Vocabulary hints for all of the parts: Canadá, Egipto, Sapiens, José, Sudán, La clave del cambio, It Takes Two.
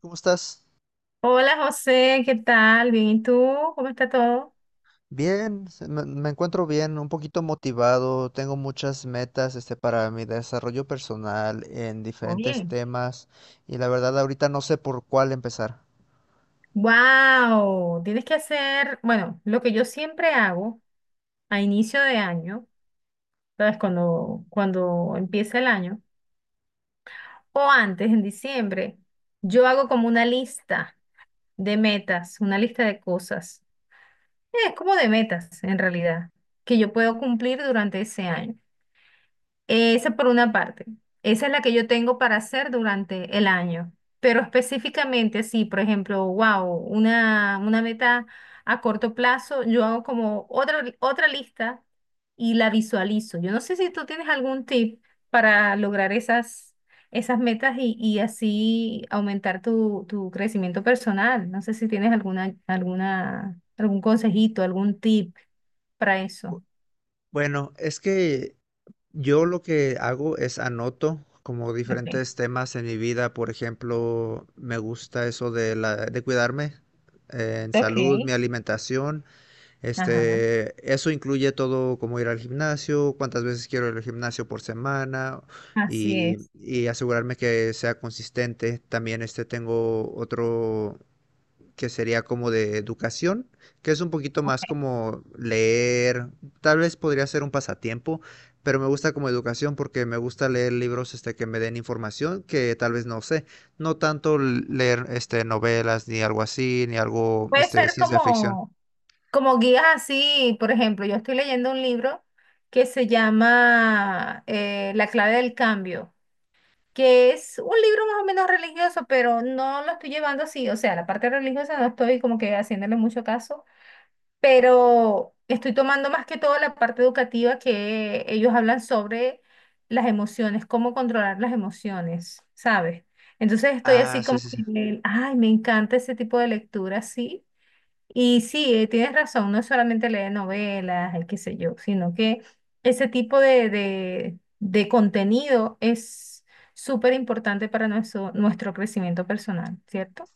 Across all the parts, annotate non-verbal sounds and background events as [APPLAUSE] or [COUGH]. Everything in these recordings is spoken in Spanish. ¿Cómo estás? Hola José, ¿qué tal? Bien, ¿y tú? ¿Cómo está todo? Bien, me encuentro bien, un poquito motivado, tengo muchas metas para mi desarrollo personal en Todo diferentes bien. temas y la verdad ahorita no sé por cuál empezar. ¡Wow! Tienes que hacer, bueno, lo que yo siempre hago a inicio de año, ¿sabes? Cuando empieza el año, o antes, en diciembre, yo hago como una lista de metas, una lista de cosas. Es como de metas, en realidad, que yo puedo cumplir durante ese año. Esa por una parte. Esa es la que yo tengo para hacer durante el año. Pero específicamente, sí, por ejemplo, wow, una meta a corto plazo, yo hago como otra lista y la visualizo. Yo no sé si tú tienes algún tip para lograr esas metas y así aumentar tu crecimiento personal. No sé si tienes algún consejito, algún tip para eso. Bu- Bueno, es que yo lo que hago es anoto como Okay. diferentes temas en mi vida, por ejemplo, me gusta eso de la de cuidarme en salud, mi Okay. alimentación. Ajá. Eso incluye todo como ir al gimnasio, cuántas veces quiero ir al gimnasio por semana Así y, es. y asegurarme que sea consistente. También tengo otro que sería como de educación, que es un poquito más como leer, tal vez podría ser un pasatiempo, pero me gusta como educación porque me gusta leer libros que me den información que tal vez no sé, no tanto leer novelas ni algo así, ni algo Puede ser ciencia ficción. como, como guías así, por ejemplo, yo estoy leyendo un libro que se llama La clave del cambio, que es un libro más o menos religioso, pero no lo estoy llevando así, o sea, la parte religiosa no estoy como que haciéndole mucho caso, pero estoy tomando más que todo la parte educativa que ellos hablan sobre las emociones, cómo controlar las emociones, ¿sabes? Entonces estoy Ah, así sí, como sí, sí. que, me- ay, me encanta ese tipo de lectura, sí. Y sí, tienes razón, no es solamente leer novelas, el qué sé yo, sino que ese tipo de contenido es súper importante para nuestro crecimiento personal, ¿cierto?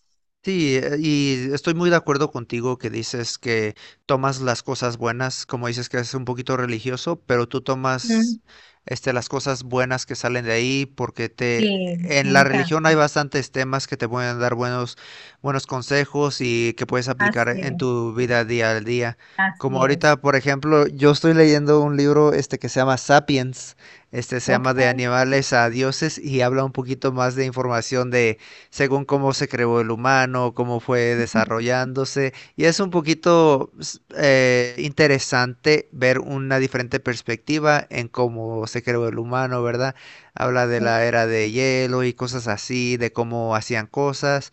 Sí, y estoy muy de acuerdo contigo que dices que tomas las cosas buenas, como dices que es un poquito religioso, pero tú Mm, tomas las cosas buenas que salen de ahí porque sí, te, en me la encanta. religión hay bastantes temas que te pueden dar buenos, buenos consejos y que puedes aplicar Así en es, tu vida día al día. Como así ahorita, es. por ejemplo, yo estoy leyendo un libro que se llama Sapiens, este se Ok. llama De animales a dioses y habla un poquito más de información de según cómo se creó el humano, cómo fue desarrollándose. Y es un poquito interesante ver una diferente perspectiva en cómo se creó el humano, ¿verdad? Habla de la era de hielo y cosas así, de cómo hacían cosas,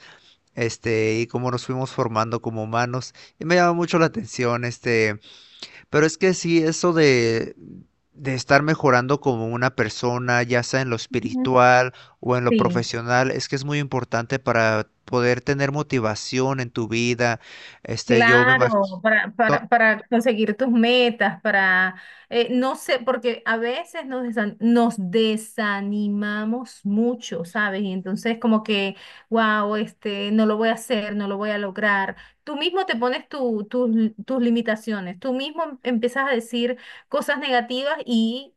y cómo nos fuimos formando como humanos. Y me llama mucho la atención, Pero es que sí, eso de estar mejorando como una persona, ya sea en lo espiritual o en lo Sí, profesional, es que es muy importante para poder tener motivación en tu vida. Yo me imagino. claro, para, To- para, para conseguir tus metas, para, no sé, porque a veces nos desanimamos mucho, ¿sabes? Y entonces como que, wow, este, no lo voy a hacer, no lo voy a lograr. Tú mismo te pones tus limitaciones, tú mismo empiezas a decir cosas negativas y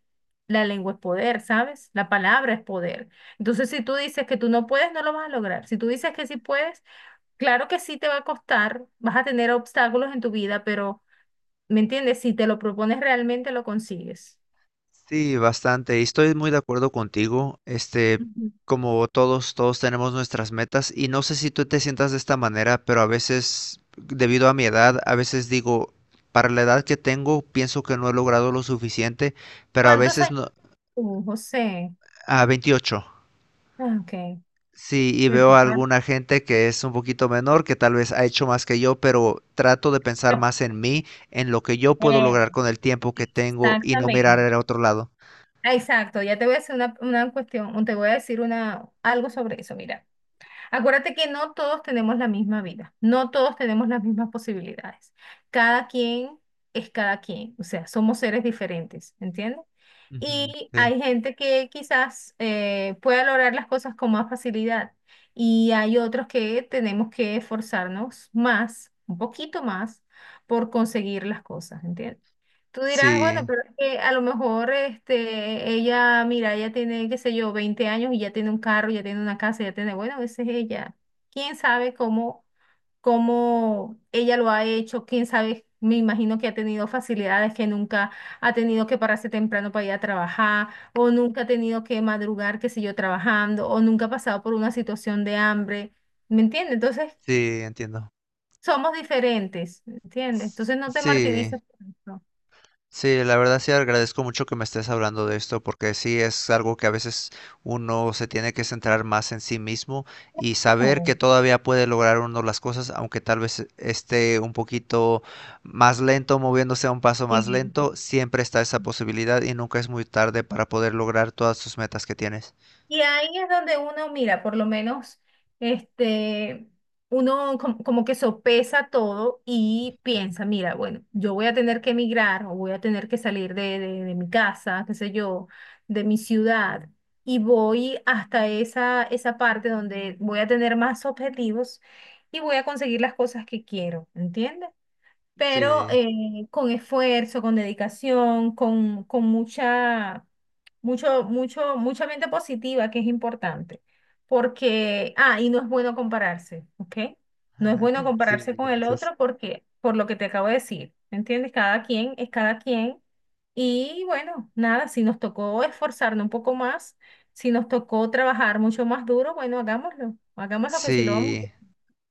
la lengua es poder, ¿sabes? La palabra es poder. Entonces, si tú dices que tú no puedes, no lo vas a lograr. Si tú dices que sí puedes. Claro que sí te va a costar, vas a tener obstáculos en tu vida, pero, ¿me entiendes? Si te lo propones realmente lo consigues. Sí, bastante. Y estoy muy de acuerdo contigo. Ujú. Como todos, todos tenemos nuestras metas. Y no sé si tú te sientas de esta manera, pero a veces, debido a mi edad, a veces digo, para la edad que tengo, pienso que no he logrado lo suficiente, pero a ¿Cuántos veces años no, tú, José? a 28. Ah, ok, Sí, y te veo a toca. alguna gente que es un poquito menor, que tal vez ha hecho más que yo, pero trato de [LAUGHS] pensar No, más en mí, en lo que yo puedo eh, lograr con el tiempo que tengo y no mirar exactamente. al otro lado. Ah, exacto, ya te voy a hacer una cuestión, o te voy a decir una, algo sobre eso. Mira, acuérdate que no todos tenemos la misma vida, no todos tenemos las mismas posibilidades. Cada quien es cada quien, o sea, somos seres diferentes, ¿entiendes? Ujú, Y sí. hay gente que quizás pueda lograr las cosas con más facilidad. Y hay otros que tenemos que esforzarnos más, un poquito más, por conseguir las cosas, ¿entiendes? Tú dirás, bueno, Sí, pero es que a lo mejor este, ella, mira, ella tiene, qué sé yo, 20 años y ya tiene un carro, ya tiene una casa, ya tiene, bueno, a veces ella, quién sabe cómo, cómo ella lo ha hecho, quién sabe, me imagino que ha tenido facilidades que nunca ha tenido que pararse temprano para ir a trabajar, o nunca ha tenido que madrugar, qué sé yo, trabajando, o nunca ha pasado por una situación de hambre, ¿me entiendes? Entonces, sí, entiendo. somos diferentes, ¿me entiendes? Entonces, no te Sí. martirices por eso. Sí, la verdad sí agradezco mucho que me estés hablando de esto porque sí es algo que a veces uno se tiene que centrar más en sí mismo y saber No, que todavía puede lograr uno las cosas, aunque tal vez esté un poquito más lento, moviéndose a un paso más sí. lento, siempre está esa posibilidad y nunca es muy tarde para poder lograr todas sus metas que tienes. Y ahí es donde uno, mira, por lo menos, este, uno como que sopesa todo y piensa, mira, bueno, yo voy a tener que emigrar o voy a tener que salir de mi casa, qué sé yo, de mi ciudad, y voy hasta esa parte donde voy a tener más objetivos y voy a conseguir las cosas que quiero, ¿entiendes? Pero Sí, con esfuerzo, con dedicación, con mucha mente positiva que es importante, porque, ah, y no es bueno compararse, ¿ok? No es bueno [LAUGHS] compararse sí, con el gracias. otro porque, por lo que te acabo de decir, ¿me entiendes? Cada quien es cada quien y bueno, nada, si nos tocó esforzarnos un poco más, si nos tocó trabajar mucho más duro, bueno, hagámoslo, hagámoslo que sí lo vamos a Sí. hacer,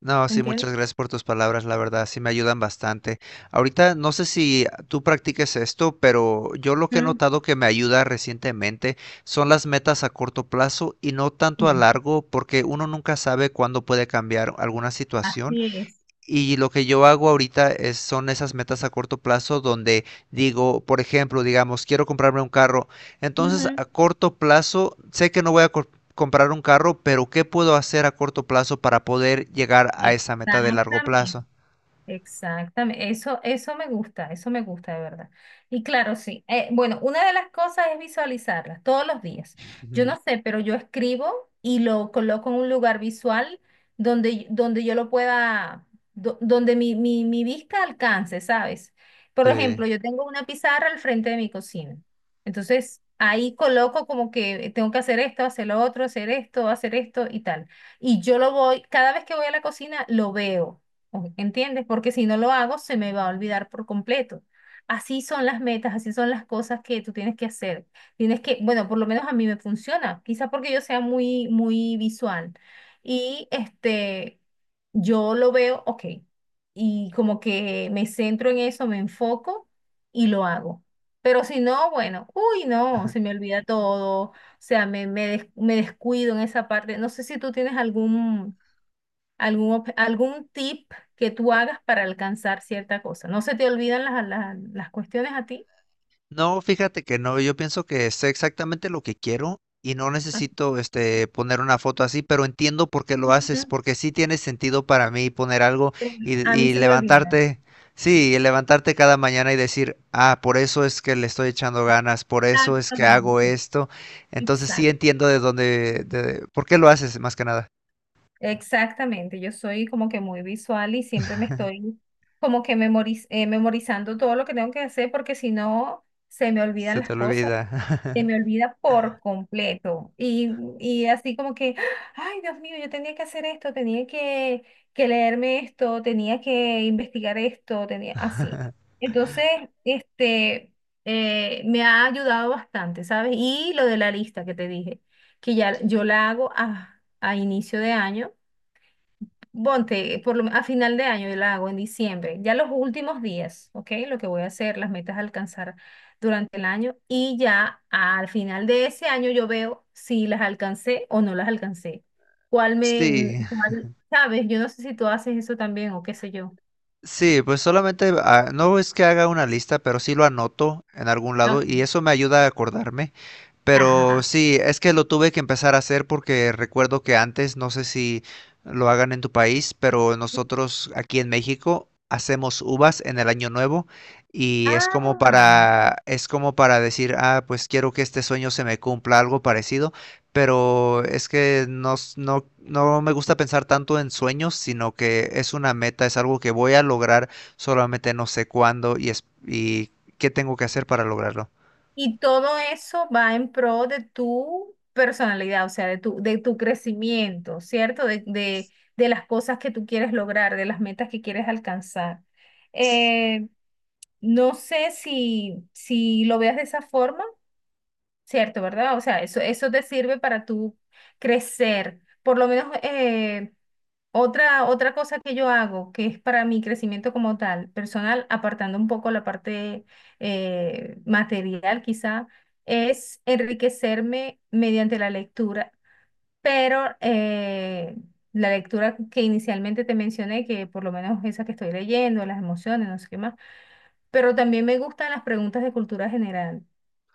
No, ¿me sí, entiendes? muchas gracias por tus palabras, la verdad, sí me ayudan bastante. Ahorita no sé si tú practiques esto, pero yo lo que he Ujú, notado que me ayuda recientemente son las metas a corto plazo y no tanto a sí, largo, porque uno nunca sabe cuándo puede cambiar alguna situación. así es. Y lo que yo hago ahorita es, son esas metas a corto plazo donde digo, por ejemplo, digamos, quiero comprarme un carro. Entonces, Ujú. a corto plazo, sé que no voy a comprar un carro, pero ¿qué puedo hacer a corto plazo para poder llegar a esa meta de largo Exactamente. plazo? Exactamente, eso, eso me gusta de verdad. Y claro, sí. Bueno, una de las cosas es visualizarlas todos los días. Yo Ujú. no sé, pero yo escribo y lo coloco en un lugar visual donde, donde yo lo pueda, donde mi vista alcance, ¿sabes? Por Sí. ejemplo, yo tengo una pizarra al frente de mi cocina. Entonces, ahí coloco como que tengo que hacer esto, hacer lo otro, hacer esto y tal. Y yo lo voy, cada vez que voy a la cocina, lo veo. ¿Entiendes? Porque si no lo hago, se me va a olvidar por completo. Así son las metas, así son las cosas que tú tienes que hacer. Tienes que, bueno, por lo menos a mí me funciona, quizá porque yo sea muy, muy visual. Y este, yo lo veo, ok, y como que me centro en eso, me enfoco y lo hago. Pero si no, bueno, uy, no, se me olvida todo, o sea, me, me descuido en esa parte. No sé si tú tienes algún algún tip que tú hagas para alcanzar cierta cosa. ¿No se te olvidan las cuestiones a ti? No, fíjate que no, yo pienso que sé exactamente lo que quiero y no necesito poner una foto así, pero entiendo por qué lo haces, Ujú. porque sí tiene sentido para mí poner algo Eh, y, A mí y se me olvida. levantarte, sí, y levantarte cada mañana y decir, ah, por eso es que le estoy echando ganas, por eso es que hago Exactamente. esto. Entonces sí Exacto. entiendo de dónde, de, por qué lo haces más que nada. Exactamente. Yo soy como que muy visual y siempre me estoy como que memorizando todo lo que tengo que hacer porque si no, se me olvidan Se te las cosas, se olvida. me olvida por completo. Y así como que, ay, Dios mío, yo tenía que hacer esto, tenía que, leerme esto, tenía que investigar esto, tenía así. Entonces, este, me ha ayudado bastante, ¿sabes? Y lo de la lista que te dije, que ya yo la hago a inicio de año. Ponte, a final de año yo la hago en diciembre, ya los últimos días, ¿ok? Lo que voy a hacer, las metas a alcanzar durante el año y ya al final de ese año yo veo si las alcancé o no las alcancé. ¿Cuál [LAUGHS] me, Sí. cuál, sabes? Yo no sé si tú haces eso también o qué sé yo. Sí, pues solamente, ah, no es que haga una lista, pero sí lo anoto en algún lado Ok. y eso me ayuda a acordarme. Pero Ajá. sí, es que lo tuve que empezar a hacer porque recuerdo que antes, no sé si lo hagan en tu país, pero nosotros aquí en México hacemos uvas en el año nuevo y Ah. Es como para decir, ah, pues quiero que este sueño se me cumpla, algo parecido pero es que no, no, no me gusta pensar tanto en sueños, sino que es una meta, es algo que voy a lograr, solamente no sé cuándo y, es, y qué tengo que hacer para lograrlo. Y todo eso va en pro de tu personalidad, o sea, de tu crecimiento, ¿cierto? De las cosas que tú quieres lograr, de las metas que quieres alcanzar. Eh, no sé si lo veas de esa forma, ¿cierto? ¿Verdad? O sea, eso te sirve para tú crecer. Por lo menos, otra cosa que yo hago, que es para mi crecimiento como tal, personal, apartando un poco la parte material quizá, es enriquecerme mediante la lectura, pero la lectura que inicialmente te mencioné, que por lo menos esa que estoy leyendo, las emociones, no sé qué más, pero también me gustan las preguntas de cultura general,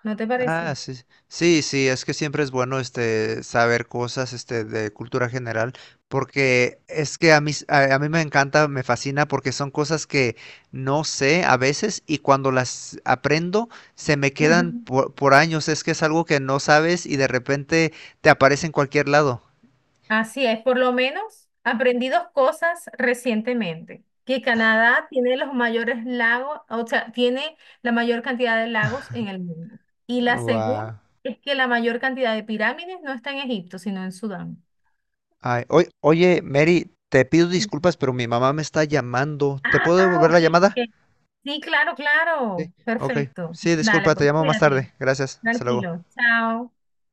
¿no te Ah, parece? sí. Sí, sí, sí, es que siempre es bueno saber cosas de cultura general porque es que a mí a mí me encanta, me fascina porque son cosas que no sé a veces y cuando las aprendo se me quedan Ujú. Por años, es que es algo que no sabes y de repente te aparece en cualquier lado. Así es, por lo menos aprendí dos cosas recientemente, que Canadá tiene los mayores lagos, o sea, tiene la mayor cantidad de lagos en el mundo. Y la segunda Guau. es que la mayor cantidad de pirámides no está en Egipto, sino en Sudán. Ay, oye, Mary, te pido disculpas, pero mi mamá me está llamando. ¿Te puedo Ah, devolver ok. la llamada? Ok. Sí, claro, Sí. claro. Ok. Perfecto. Sí, Dale, disculpa, te pues llamo más cuídate. tarde. Gracias. Hasta luego. Tranquilo. Chao.